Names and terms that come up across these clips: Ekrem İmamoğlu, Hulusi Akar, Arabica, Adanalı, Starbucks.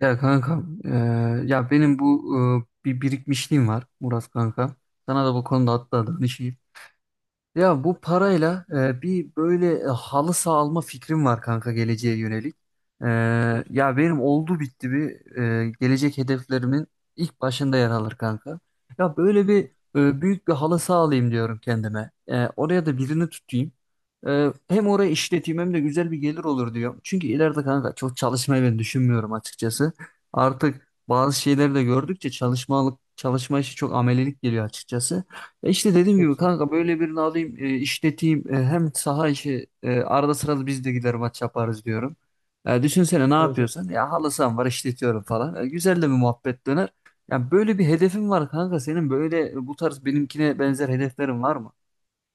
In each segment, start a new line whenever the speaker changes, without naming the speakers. Ya kanka, ya benim bu bir birikmişliğim var Murat kanka. Sana da bu konuda hatta danışayım. Ya bu parayla bir böyle halı saha alma fikrim var kanka geleceğe yönelik. E,
Çok güzel.
ya benim oldu bitti bir gelecek hedeflerimin ilk başında yer alır kanka. Ya böyle bir büyük bir halı saha alayım diyorum kendime. E, oraya da birini tutayım. Hem orayı işleteyim hem de güzel bir gelir olur diyorum. Çünkü ileride kanka çok çalışmayı ben düşünmüyorum açıkçası. Artık bazı şeyleri de gördükçe çalışmalık çalışma işi çok amelilik geliyor açıkçası. İşte dediğim
Çok
gibi
güzel.
kanka böyle birini alayım, işleteyim. Hem saha işi arada sırada biz de gider maç yaparız diyorum. Düşünsene ne
Evet, evet.
yapıyorsun? Ya halı saham var, işletiyorum falan. E, güzel de bir muhabbet döner. Yani böyle bir hedefin var kanka senin, böyle bu tarz benimkine benzer hedeflerin var mı?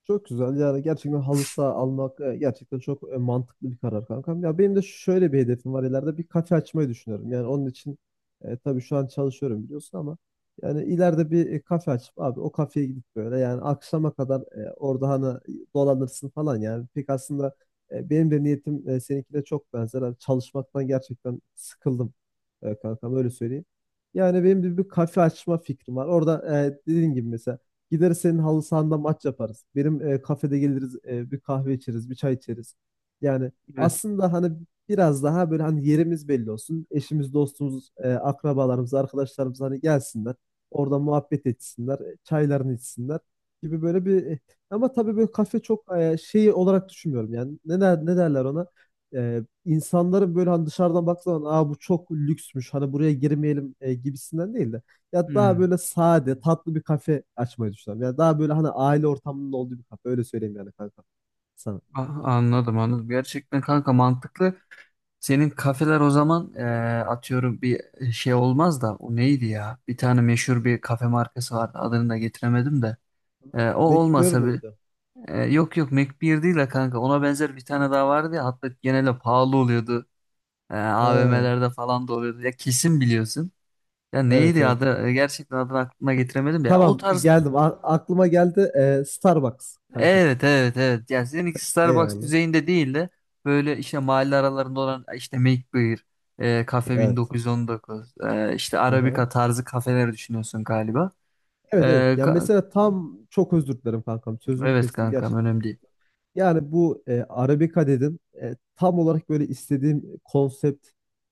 Çok güzel. Yani gerçekten halı saha almak gerçekten çok mantıklı bir karar kankam. Ya benim de şöyle bir hedefim var. İleride bir kafe açmayı düşünüyorum. Yani onun için tabii şu an çalışıyorum biliyorsun ama yani ileride bir kafe açıp abi o kafeye gidip böyle yani akşama kadar orada hani dolanırsın falan yani. Pek aslında benim de niyetim seninkine çok benzer. Hani çalışmaktan gerçekten sıkıldım kankam öyle söyleyeyim. Yani benim bir kafe açma fikrim var. Orada dediğin gibi mesela gideriz senin halı sahanda maç yaparız. Benim kafede geliriz, bir kahve içeriz, bir çay içeriz. Yani
Evet.
aslında hani biraz daha böyle hani yerimiz belli olsun. Eşimiz, dostumuz, akrabalarımız, arkadaşlarımız hani gelsinler. Orada muhabbet etsinler, çaylarını içsinler gibi böyle bir ama tabii böyle kafe çok şey olarak düşünmüyorum yani. Ne der, ne derler ona? İnsanların böyle hani dışarıdan baktığı zaman aa, bu çok lüksmüş hani buraya girmeyelim gibisinden değil de ya daha
Hmm.
böyle sade, tatlı bir kafe açmayı düşünüyorum. Ya daha böyle hani aile ortamının olduğu bir kafe. Öyle söyleyeyim yani kanka sana.
Ah, anladım anladım. Gerçekten kanka mantıklı. Senin kafeler o zaman, atıyorum bir şey olmaz da o neydi ya? Bir tane meşhur bir kafe markası vardı, adını da getiremedim de. E, o
Bekliyor
olmasa bir…
muydu?
Yok yok, Mac 1 değil de kanka, ona benzer bir tane daha vardı ya, hatta genelde pahalı oluyordu.
Ha,
AVM'lerde falan da oluyordu. Ya kesin biliyorsun. Ya
evet
neydi
evet.
adı? Gerçekten adını aklıma getiremedim de. Ya o
Tamam
tarz…
geldim. Aklıma geldi. Starbucks kanka.
Evet evet evet. Ya seninki Starbucks
Eyvallah.
düzeyinde değil de böyle işte mahalle aralarında olan, işte McBeer, Cafe
Evet.
1919, işte
Aha.
Arabica tarzı kafeler düşünüyorsun galiba. Ee,
Evet evet. Ya
ka-
mesela tam çok özür dilerim kankam. Sözünü
evet
kestim
kankam,
gerçekten
önemli
çok.
değil.
Yani bu Arabica dedim. Tam olarak böyle istediğim konsept,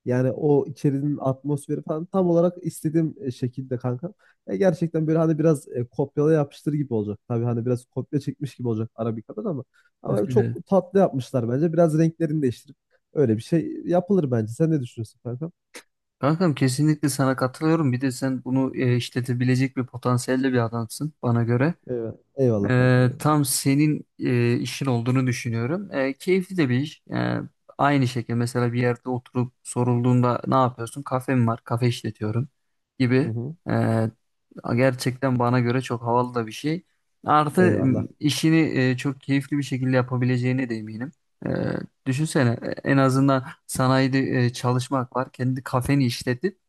yani o içerinin atmosferi falan tam olarak istediğim şekilde kankam. Gerçekten böyle hani biraz kopyala yapıştır gibi olacak. Tabii hani biraz kopya çekmiş gibi olacak Arabica'dan, ama çok tatlı yapmışlar bence. Biraz renklerini değiştirip öyle bir şey yapılır bence. Sen ne düşünüyorsun kankam?
Kankam kesinlikle sana katılıyorum. Bir de sen bunu işletebilecek bir potansiyelde bir adamsın bana göre.
Evet. Eyvallah kankam, eyvallah.
Tam senin işin olduğunu düşünüyorum. E, keyifli de bir iş. Aynı şekilde mesela bir yerde oturup sorulduğunda ne yapıyorsun? Kafem var, kafe işletiyorum
Hı
gibi.
hı.
E, gerçekten bana göre çok havalı da bir şey. Artı
Eyvallah.
işini çok keyifli bir şekilde yapabileceğine de eminim. E, düşünsene, en azından sanayide çalışmak var. Kendi kafeni işletip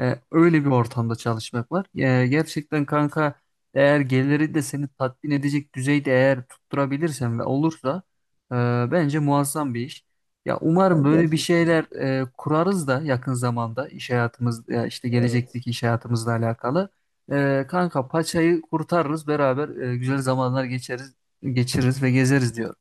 öyle bir ortamda çalışmak var. E, gerçekten kanka, eğer geliri de seni tatmin edecek düzeyde eğer tutturabilirsen ve olursa e, bence muazzam bir iş. Ya
Ya
umarım böyle bir
gerçekten.
şeyler kurarız da yakın zamanda, iş hayatımız ya işte
Evet.
gelecekteki iş hayatımızla alakalı. E, kanka paçayı kurtarırız beraber, güzel zamanlar geçiririz ve gezeriz diyorum.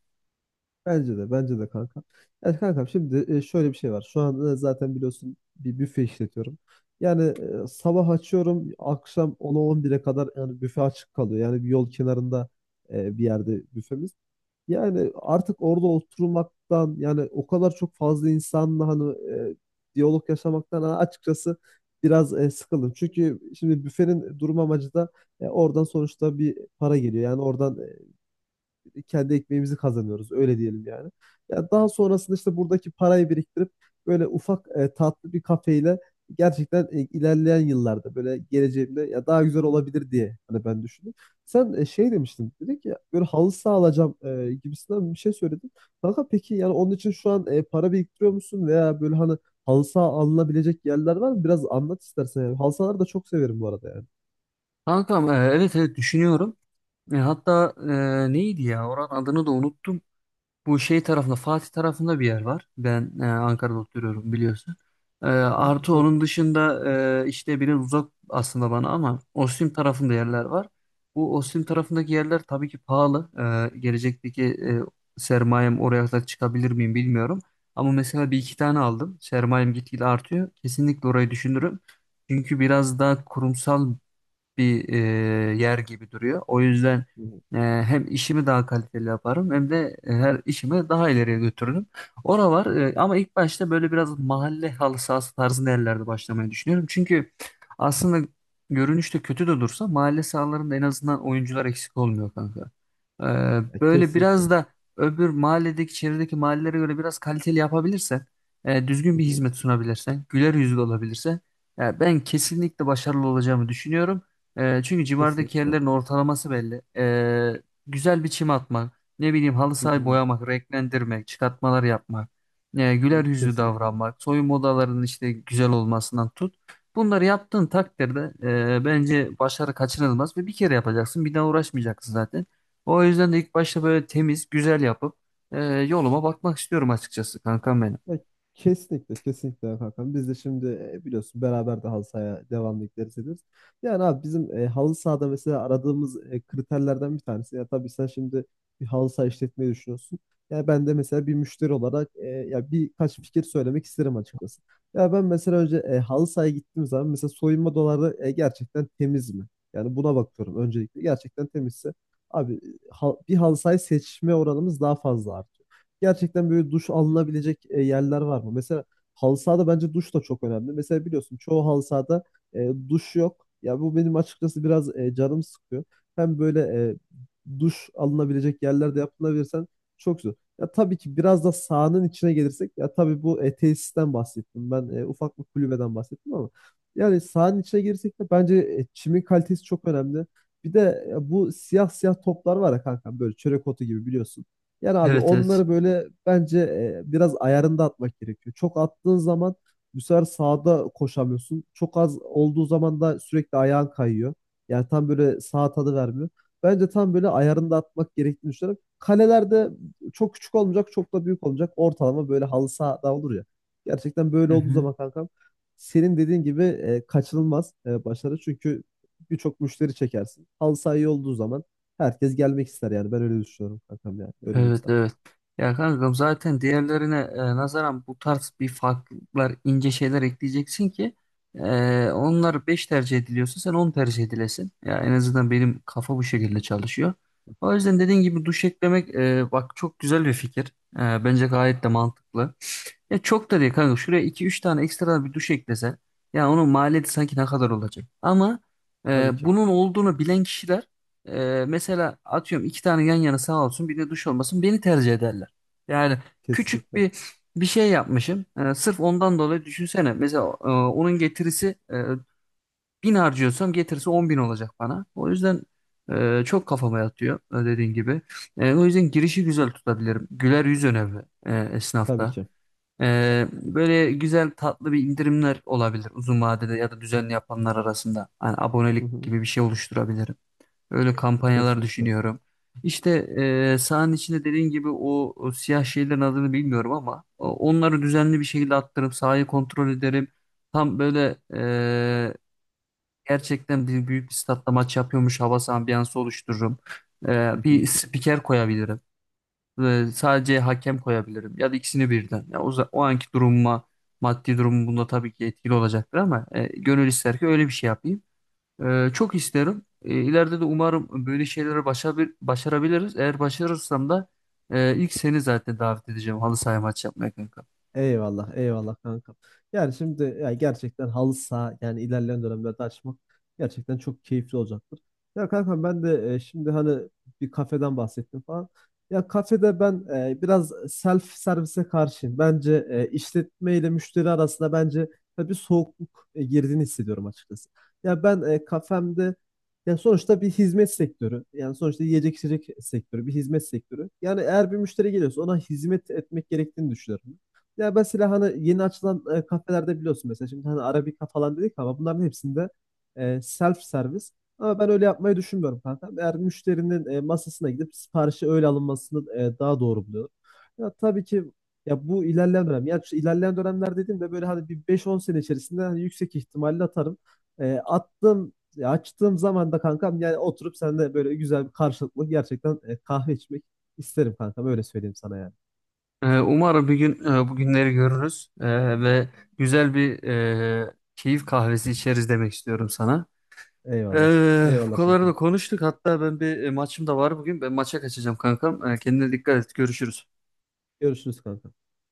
Bence de, bence de kanka. Yani kankam şimdi şöyle bir şey var. Şu an zaten biliyorsun bir büfe işletiyorum. Yani sabah açıyorum, akşam ona on bire kadar yani büfe açık kalıyor. Yani bir yol kenarında bir yerde büfemiz. Yani artık orada oturmaktan yani o kadar çok fazla insanla hani diyalog yaşamaktan hani açıkçası biraz sıkıldım. Çünkü şimdi büfenin durum amacı da oradan sonuçta bir para geliyor. Yani oradan kendi ekmeğimizi kazanıyoruz öyle diyelim yani. Ya daha sonrasında işte buradaki parayı biriktirip böyle ufak tatlı bir kafeyle gerçekten ilerleyen yıllarda böyle geleceğimde ya daha güzel olabilir diye hani ben düşündüm. Sen şey demiştin dedik ya, böyle halı saha alacağım gibisinden bir şey söyledin. Kanka peki, yani onun için şu an para biriktiriyor musun, veya böyle hani halı saha alınabilecek yerler var mı? Biraz anlat istersen yani. Halı sahaları da çok severim bu arada yani.
Kankam, evet evet düşünüyorum. Hatta neydi ya, oranın adını da unuttum. Bu şey tarafında, Fatih tarafında bir yer var. Ben Ankara'da oturuyorum biliyorsun.
Hı hı,
Artı
çok.
onun dışında işte biraz uzak aslında bana, ama Ostim tarafında yerler var. Bu Ostim
Hı
tarafındaki yerler tabii ki pahalı. Gelecekteki sermayem oraya kadar çıkabilir miyim bilmiyorum. Ama mesela bir iki tane aldım, sermayem gitgide artıyor, kesinlikle orayı düşünürüm. Çünkü biraz daha kurumsal bir yer gibi duruyor. O yüzden
hı.
e, hem işimi daha kaliteli yaparım, hem de her işimi daha ileriye götürürüm. Ora var ama ilk başta böyle biraz mahalle halı sahası tarzında yerlerde başlamayı düşünüyorum. Çünkü aslında görünüşte kötü de dursa, mahalle sahalarında en azından oyuncular eksik olmuyor kanka. E,
Ya
böyle
kesinlikle.
biraz da öbür mahalledeki, çevredeki mahallelere göre biraz kaliteli yapabilirsen, düzgün
Hı
bir
hı,
hizmet sunabilirsen, güler yüzlü olabilirsen, ya ben kesinlikle başarılı olacağımı düşünüyorum. Çünkü civardaki
kesinlikle.
yerlerin ortalaması belli. Güzel bir çim atmak, ne bileyim halı
Hı
sahayı
hı,
boyamak, renklendirmek, çıkartmalar yapmak,
hı
güler
hı,
yüzlü
Kesinlikle.
davranmak, soyunma odalarının işte güzel olmasından tut. Bunları yaptığın takdirde bence başarı kaçınılmaz, ve bir kere yapacaksın, bir daha uğraşmayacaksın zaten. O yüzden de ilk başta böyle temiz, güzel yapıp yoluma bakmak istiyorum açıkçası kankam benim.
Ya, kesinlikle, kesinlikle Hakan. Biz de şimdi biliyorsun beraber de halı sahaya devamlı gideriz ederiz. Yani abi bizim halı sahada mesela aradığımız kriterlerden bir tanesi. Ya tabii sen şimdi bir halı saha işletmeyi düşünüyorsun. Ya ben de mesela bir müşteri olarak ya birkaç fikir söylemek isterim açıkçası. Ya ben mesela önce halı sahaya gittiğim zaman mesela soyunma doları gerçekten temiz mi? Yani buna bakıyorum öncelikle. Gerçekten temizse abi, bir halı sahayı seçme oranımız daha fazla artıyor. Gerçekten böyle duş alınabilecek yerler var mı? Mesela halı sahada bence duş da çok önemli. Mesela biliyorsun çoğu halı sahada duş yok. Ya bu benim açıkçası biraz canım sıkıyor. Hem böyle duş alınabilecek yerlerde yapılabilirsen çok güzel. Ya tabii ki biraz da sahanın içine gelirsek, ya tabii bu tesisten bahsettim. Ben ufak bir kulübeden bahsettim ama yani sahanın içine girsek de bence çimin kalitesi çok önemli. Bir de bu siyah siyah toplar var ya kanka, böyle çörek otu gibi biliyorsun. Yani abi
Evet evet.
onları böyle bence biraz ayarında atmak gerekiyor. Çok attığın zaman bu sefer sağda koşamıyorsun. Çok az olduğu zaman da sürekli ayağın kayıyor. Yani tam böyle sağ tadı vermiyor. Bence tam böyle ayarında atmak gerektiğini düşünüyorum. Kaleler de çok küçük olmayacak, çok da büyük olmayacak. Ortalama böyle halı sahada olur ya. Gerçekten böyle
Hı
olduğu
hı.
zaman kankam senin dediğin gibi kaçınılmaz başarı. Çünkü birçok müşteri çekersin. Halı saha iyi olduğu zaman herkes gelmek ister yani. Ben öyle düşünüyorum kankam yani. Öyle diyeyim
Evet
sana.
evet. Ya kankam, zaten diğerlerine nazaran bu tarz bir farklar, ince şeyler ekleyeceksin ki e, onlar 5 tercih ediliyorsa sen 10 tercih edilesin. Ya en azından benim kafa bu şekilde çalışıyor. O yüzden dediğin gibi duş eklemek, bak çok güzel bir fikir. E, bence gayet de mantıklı. Ya çok da değil kanka, şuraya iki üç tane ekstra bir duş eklese, ya onun maliyeti sanki ne kadar olacak. Ama
Tabii ki.
bunun olduğunu bilen kişiler, mesela atıyorum iki tane yan yana sağ olsun bir de duş olmasın, beni tercih ederler. Yani küçük
Kesinlikle.
bir şey yapmışım. Sırf ondan dolayı düşünsene. Mesela onun getirisi, bin harcıyorsam getirisi on bin olacak bana. O yüzden çok kafama yatıyor, dediğin gibi. O yüzden girişi güzel tutabilirim. Güler yüz önemli
Tabii
esnafta.
ki.
Böyle güzel tatlı bir indirimler olabilir uzun vadede ya da düzenli yapanlar arasında. Hani
Hı
abonelik
hı.
gibi bir şey oluşturabilirim. Öyle kampanyalar
Kesinlikle.
düşünüyorum. İşte sahanın içinde dediğin gibi o siyah şeylerin adını bilmiyorum ama onları düzenli bir şekilde attırıp sahayı kontrol ederim. Tam böyle gerçekten büyük bir statta maç yapıyormuş havası, ambiyansı oluştururum.
Hı hı.
Bir spiker koyabilirim. Sadece hakem koyabilirim ya da ikisini birden. O anki durumuma, maddi durumum bunda tabii ki etkili olacaktır, ama gönül ister ki öyle bir şey yapayım. Çok isterim. İleride de umarım böyle şeyleri başarabiliriz. Eğer başarırsam da ilk seni zaten davet edeceğim halı saha maçı yapmaya kanka.
Eyvallah, eyvallah kanka. Yani şimdi ya gerçekten halı saha yani ilerleyen dönemlerde açmak gerçekten çok keyifli olacaktır. Ya kanka ben de şimdi hani bir kafeden bahsettim falan. Ya kafede ben biraz self servise karşıyım. Bence işletme ile müşteri arasında bence ya bir soğukluk girdiğini hissediyorum açıkçası. Ya ben kafemde, ya sonuçta bir hizmet sektörü. Yani sonuçta yiyecek içecek sektörü, bir hizmet sektörü. Yani eğer bir müşteri geliyorsa ona hizmet etmek gerektiğini düşünüyorum. Ya mesela hani yeni açılan kafelerde biliyorsun, mesela şimdi hani Arabica falan dedik ama bunların hepsinde self servis. Ama ben öyle yapmayı düşünmüyorum kanka. Eğer müşterinin masasına gidip siparişi öyle alınmasını daha doğru buluyorum. Ya tabii ki, ya bu ilerleyen dönem. Yani şu ilerleyen dönemler dediğimde böyle hani bir 5-10 sene içerisinde hani yüksek ihtimalle atarım. Attığım ya açtığım zaman da kankam yani oturup seninle böyle güzel bir karşılıklı gerçekten kahve içmek isterim kankam, öyle söyleyeyim sana yani.
Umarım bir gün bu günleri görürüz. Ve güzel bir keyif kahvesi içeriz demek istiyorum sana.
Eyvallah.
Bu
Eyvallah
kadarını da
kankam.
konuştuk. Hatta ben bir maçım da var bugün. Ben maça kaçacağım kankam. Kendine dikkat et. Görüşürüz.
Görüşürüz kanka.